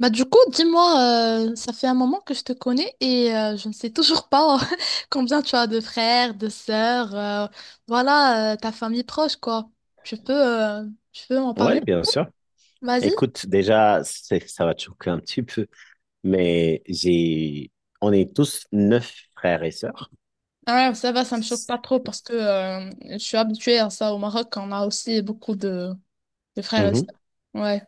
Bah du coup, dis-moi, ça fait un moment que je te connais et je ne sais toujours pas combien tu as de frères, de sœurs, voilà, ta famille proche, quoi. Tu peux, euh, Tu peux en parler? Oui, bien sûr. Vas-y. Écoute, déjà, ça va te choquer un petit peu, mais on est tous neuf frères et sœurs. Ah, ça va, ça me choque pas trop parce que je suis habituée à ça au Maroc, on a aussi beaucoup de frères et sœurs. Mhm. Ouais,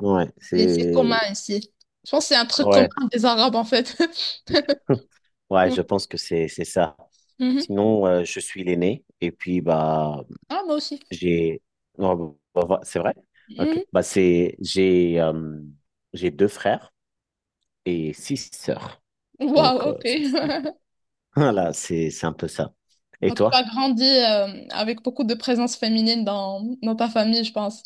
Ouais, et c'est commun c'est, ici. Je pense que c'est un truc commun ouais, des Arabes en fait. ouais, je pense que c'est ça. Mhm. Sinon, je suis l'aîné, et puis, bah, Ah, moi aussi. j'ai, non, bah, c'est vrai? Ok, Mhm. bah, c'est, j'ai deux frères et six sœurs. Waouh, Donc, ok. ça, voilà, c'est un peu ça. Et Donc, tu as toi? grandi avec beaucoup de présence féminine dans ta famille, je pense.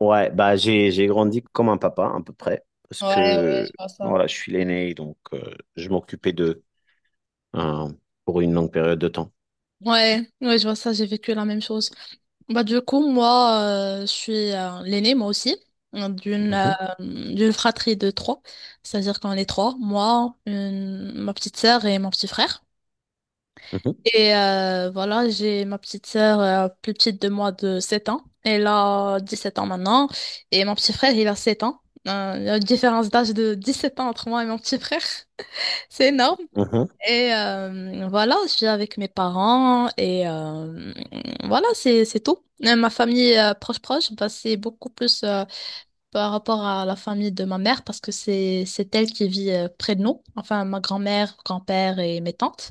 Ouais, bah j'ai grandi comme un papa à peu près parce Ouais, ouais, que je vois ça. voilà, je suis l'aîné donc je m'occupais d'eux euh, pour une longue période de temps. Ouais, ouais, je vois ça, j'ai vécu la même chose. Bah, du coup, moi, je suis l'aînée, moi aussi, euh, d'une euh, Mhm, d'une fratrie de trois. C'est-à-dire qu'on est trois, moi, ma petite sœur et mon petit frère. mhm, Et voilà, j'ai ma petite sœur plus petite de moi de 7 ans. Elle a 17 ans maintenant. Et mon petit frère, il a 7 ans. Il y a une différence d'âge de 17 ans entre moi et mon petit frère. C'est énorme. mhm, Et voilà, je suis avec mes parents. Et voilà, c'est tout. Et ma famille proche proche, bah, c'est beaucoup plus... par rapport à la famille de ma mère parce que c'est elle qui vit près de nous, enfin ma grand-mère, grand-père et mes tantes.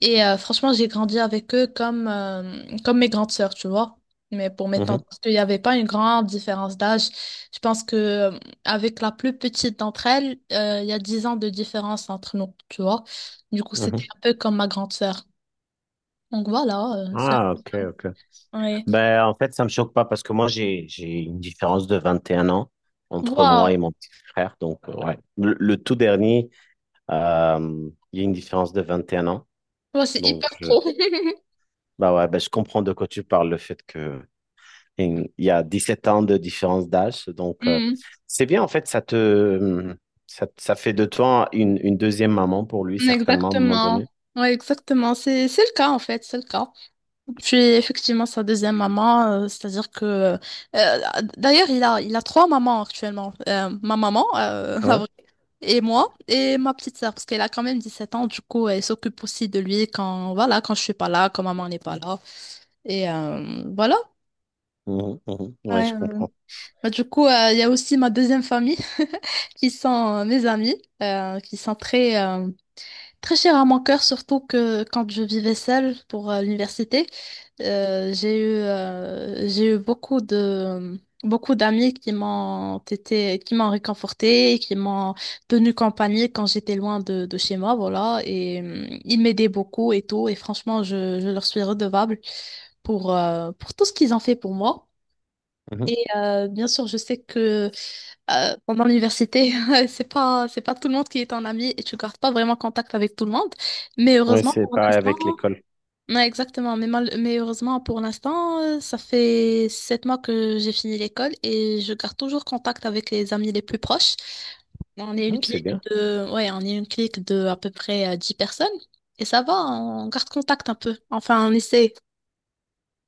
Et franchement, j'ai grandi avec eux comme mes grandes sœurs, tu vois. Mais pour mes mhm, tantes, parce qu'il n'y avait pas une grande différence d'âge. Je pense que avec la plus petite d'entre elles, il y a 10 ans de différence entre nous, tu vois. Du coup, c'était mhm. un peu comme ma grande sœur. Donc voilà. Ah, ok, ok. Ouais. Ben, en fait, ça me choque pas parce que moi j'ai une différence de 21 ans entre Waouh! moi et mon petit frère donc ouais. Le tout dernier il y a une différence de 21 ans Waouh, c'est donc hyper je pro. bah ouais, ben, je comprends de quoi tu parles le fait que et il y a 17 ans de différence d'âge. Donc, Hmm. c'est bien, en fait, ça, ça fait de toi une deuxième maman pour lui, certainement, à un moment Exactement. donné. Ouais, exactement. C'est le cas, en fait. C'est le cas. Puis, effectivement, sa deuxième maman, c'est-à-dire que. Euh, d'ailleurs, il a trois mamans actuellement. Ma maman, la Ouais, vraie, et moi, et ma petite sœur, parce qu'elle a quand même 17 ans. Du coup, elle s'occupe aussi de lui quand, voilà, quand je suis pas là, quand maman n'est pas là. Et voilà. mhm, mhm. Ouais, Ouais. je comprends. Bah, du coup, il y a aussi ma deuxième famille, qui sont mes amis, euh, qui sont très, euh, Très cher à mon cœur, surtout que quand je vivais seule pour l'université, j'ai eu beaucoup beaucoup d'amis qui m'ont été, qui m'ont réconfortée, et qui m'ont tenu compagnie quand j'étais loin de chez moi, voilà. Et ils m'aidaient beaucoup et tout. Et franchement, je leur suis redevable pour tout ce qu'ils ont fait pour moi. Et Mhm. Bien sûr, je sais que pendant l'université, c'est pas tout le monde qui est un ami et tu gardes pas vraiment contact avec tout le monde. Mais Ouais, heureusement, c'est pour pareil l'instant, avec l'école. ouais, exactement. Mais heureusement, pour l'instant, ça fait 7 mois que j'ai fini l'école et je garde toujours contact avec les amis les plus proches. On est une Non, c'est clique bien. de, Ouais, on est une clique de à peu près 10 personnes. Et ça va, on garde contact un peu. Enfin, on essaie.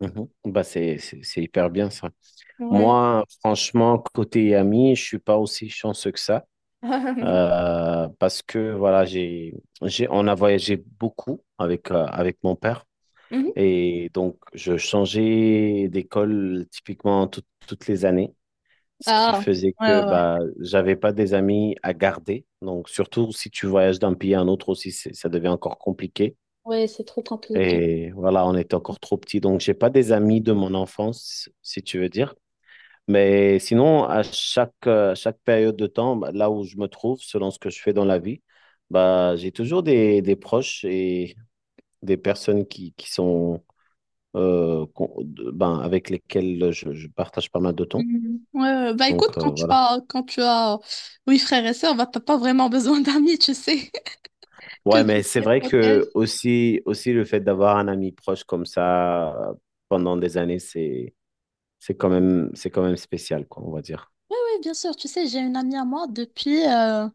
Mhm. Bah, c'est hyper bien, ça. Ouais. Moi, franchement, côté ami, je suis pas aussi chanceux que ça. Parce que, voilà, on a voyagé beaucoup avec, avec mon père. Et donc, je changeais d'école typiquement toutes les années, ce qui Ah, faisait que bah, j'avais pas des amis à garder. Donc, surtout si tu voyages d'un pays à un autre aussi, ça devient encore compliqué. ouais, c'est trop compliqué. Et voilà, on était encore trop petits. Donc, j'ai pas des amis de mon enfance, si tu veux dire. Mais sinon, chaque période de temps, bah, là où je me trouve, selon ce que je fais dans la vie, bah, j'ai toujours des proches et des personnes qui sont ben, avec lesquels je partage pas mal de temps. Mhm. Ouais, ouais. Bah écoute, Donc voilà. Quand tu as oui frères et sœurs, bah t'as pas vraiment besoin d'amis, tu sais, que Ouais, mais Dieu te c'est les vrai protège. que aussi le fait d'avoir un ami proche comme ça pendant des années, c'est quand même spécial, quoi, on va dire. Oui, bien sûr, tu sais, j'ai une amie à moi depuis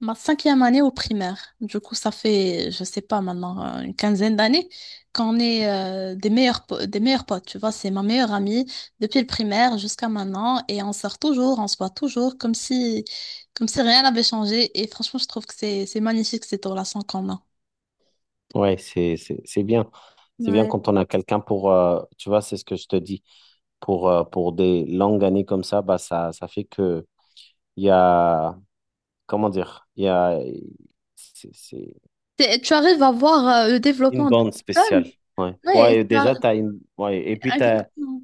ma cinquième année au primaire. Du coup, ça fait, je sais pas maintenant, une quinzaine d'années qu'on est des meilleurs potes, tu vois, c'est ma meilleure amie depuis le primaire jusqu'à maintenant et on sort toujours, on se voit toujours comme si rien n'avait changé et franchement, je trouve que c'est magnifique cette relation qu'on a. Ouais, c'est bien. C'est bien Ouais, quand on a quelqu'un pour, tu vois, c'est ce que je te dis, pour des longues années comme ça, bah, ça fait que il y a, comment dire, il y a, c'est- c'est- tu arrives à voir le une développement de la bande spéciale. personne. Ouais. Oui, Ouais, déjà, t'as une... ouais. Et puis, t'as... exactement.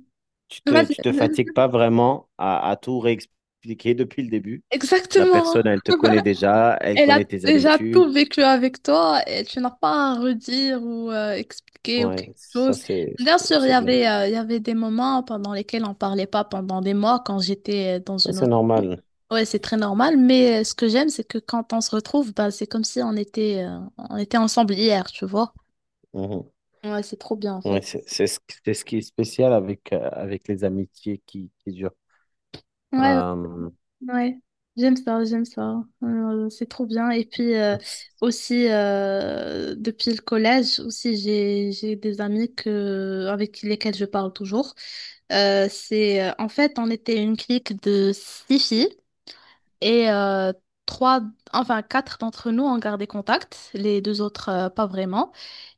Vas-y, tu te fatigues pas vraiment à tout réexpliquer depuis le début. La exactement. personne, elle te connaît déjà, elle Elle a connaît tes déjà tout habitudes. vécu avec toi et tu n'as pas à redire ou expliquer ou Ouais, quelque ça, chose. Bien sûr, c'est bien. Il y avait des moments pendant lesquels on parlait pas pendant des mois quand j'étais dans Ça, une c'est autre ville. normal. Ouais, c'est très normal, mais ce que j'aime, c'est que quand on se retrouve, bah, c'est comme si on était ensemble hier, tu vois. Mhm. Ouais, c'est trop bien en Ouais, fait. C'est ce qui est spécial avec, avec les amitiés qui durent. Ouais, Euh... ouais, j'aime ça, j'aime ça. C'est trop bien. Et puis aussi depuis le collège aussi j'ai des amis que avec lesquels je parle toujours. C'est En fait on était une clique de six filles et trois enfin quatre d'entre nous ont gardé contact, les deux autres pas vraiment.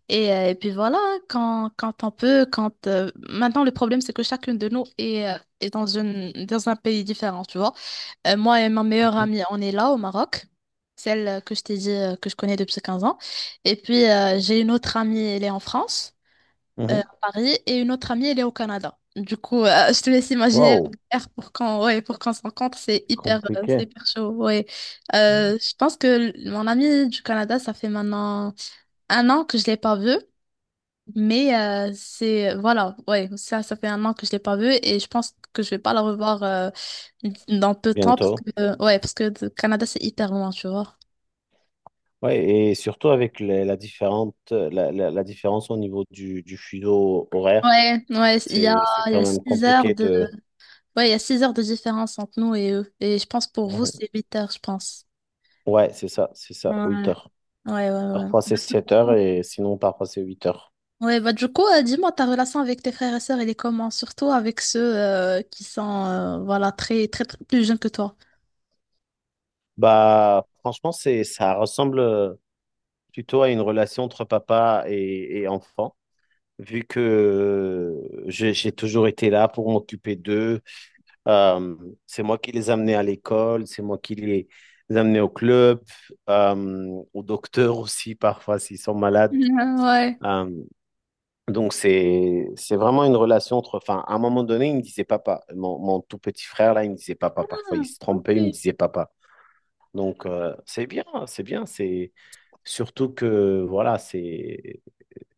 Et puis voilà quand on peut quand maintenant le problème c'est que chacune de nous est dans un pays différent, tu vois. Moi et ma meilleure Mhm. amie, on est là au Maroc, celle que je t'ai dit que je connais depuis 15 ans. Et puis j'ai une autre amie, elle est en France, Mhm. à Paris, et une autre amie, elle est au Canada. Du coup, je te laisse imaginer Wow, l'air pour quand, ouais, pour qu'on se rencontre, c'est compliqué. hyper chaud. Ouais. Ouais. Je pense que mon amie du Canada, ça fait maintenant un an que je l'ai pas vue. Mais c'est voilà, ouais, ça fait un an que je l'ai pas vu et je pense que je vais pas la revoir dans peu de temps parce que Bientôt. Ouais, parce que le Canada c'est hyper loin, tu vois. Ouais, et surtout avec la, la différente, la- la différence au niveau du fuseau horaire, Ouais, ouais, c'est il y quand a même 6 heures compliqué de de... ouais, il y a 6 heures de différence entre nous et eux et je pense pour vous Mhm. c'est 8 heures, je pense. Ouais, c'est ça, Ouais, 8 heures. ouais, ouais, ouais. Parfois c'est Bah, du 7 heures et sinon parfois c'est 8 heures. Ouais, bah du coup, dis-moi, ta relation avec tes frères et sœurs, elle est comment? Surtout avec ceux qui sont voilà, très, très, très plus jeunes que toi. Bah, franchement, ça ressemble plutôt à une relation entre papa et enfant, vu que j'ai toujours été là pour m'occuper d'eux. Euh, c'est moi qui les amenais à l'école, c'est moi qui les amenais au club, au docteur aussi parfois s'ils sont malades. Mhm, ouais. Euh, donc c'est vraiment une relation entre. Enfin, à un moment donné, il me disait papa. Mon tout petit frère là, il me disait papa. Parfois, il Ah, se trompait, il me ok. disait papa. Donc c'est bien, c'est bien. C'est surtout que voilà, c'est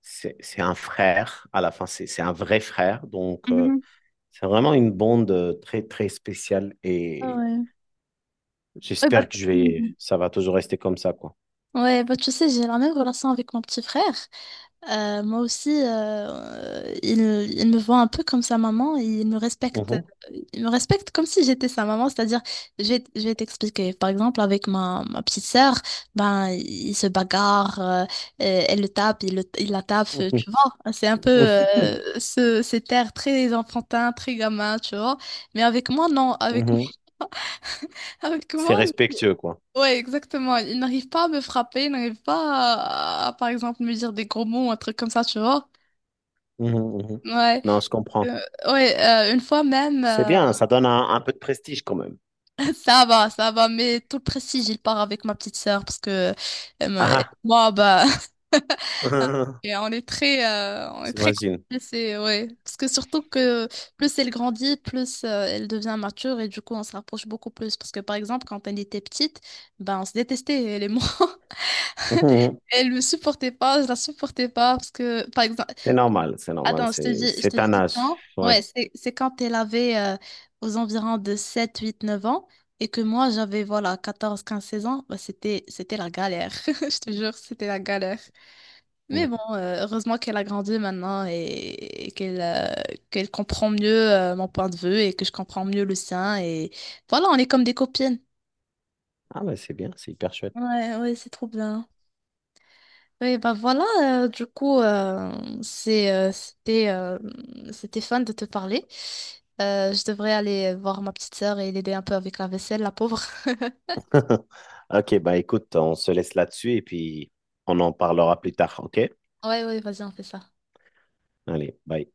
c'est c'est un frère. À la fin, c'est un vrai frère. Donc Mhm. c'est vraiment une bande très très spéciale Ah et ouais. Ouais, bah, j'espère que je vais. Mhm. Ça va toujours rester comme ça, quoi. Ouais, bah, tu sais, j'ai la même relation avec mon petit frère. Moi aussi, il me voit un peu comme sa maman et Mhm. il me respecte comme si j'étais sa maman. C'est-à-dire, je vais t'expliquer. Par exemple, avec ma petite sœur, ben, il se bagarre, elle le tape, il la tape, Mhm. tu vois. C'est un peu cet air très enfantin, très gamin, tu vois. Mais avec moi, non. Avec Mhm. moi, avec C'est moi. respectueux, quoi. Ouais, exactement. Il n'arrive pas à me frapper, il n'arrive pas à, par exemple, me dire des gros mots, un truc comme ça, tu vois. Mhm, mhm. Ouais. Non, je comprends. Euh, ouais. Une fois même, C'est bien, ça donne un peu de prestige quand même. ça va, ça va. Mais tout le prestige, il part avec ma petite sœur parce que euh, moi, Ah, bah, et on est très j'imagine. complices, ouais. Parce que surtout que plus elle grandit, plus elle devient mature et du coup, on se rapproche beaucoup plus. Parce que par exemple, quand elle était petite, ben, on se détestait, elle et moi. Mhm. Elle me supportait pas, je la supportais pas parce que, par exemple, C'est normal, c'est normal, attends, je te c'est un dis âge. quand? Ouais. Ouais, c'est quand elle avait aux environs de 7, 8, 9 ans et que moi j'avais voilà 14, 15, 16 ans, bah, c'était la galère. Je te jure, c'était la galère. Mais bon, Mhm. Heureusement qu'elle a grandi maintenant et qu'elle qu'elle comprend mieux mon point de vue et que je comprends mieux le sien. Et voilà, on est comme des copines. Ah, mais c'est bien, c'est hyper chouette. Ouais, ouais, c'est trop bien. Oui, bah voilà, du coup, c'est, euh, c'était, euh, c'était fun de te parler. Je devrais aller voir ma petite sœur et l'aider un peu avec la vaisselle, la pauvre. Ok, bah écoute, on se laisse là-dessus et puis on en parlera plus tard, ok? Ouais, ouais, vas-y, on fait ça. Allez, bye.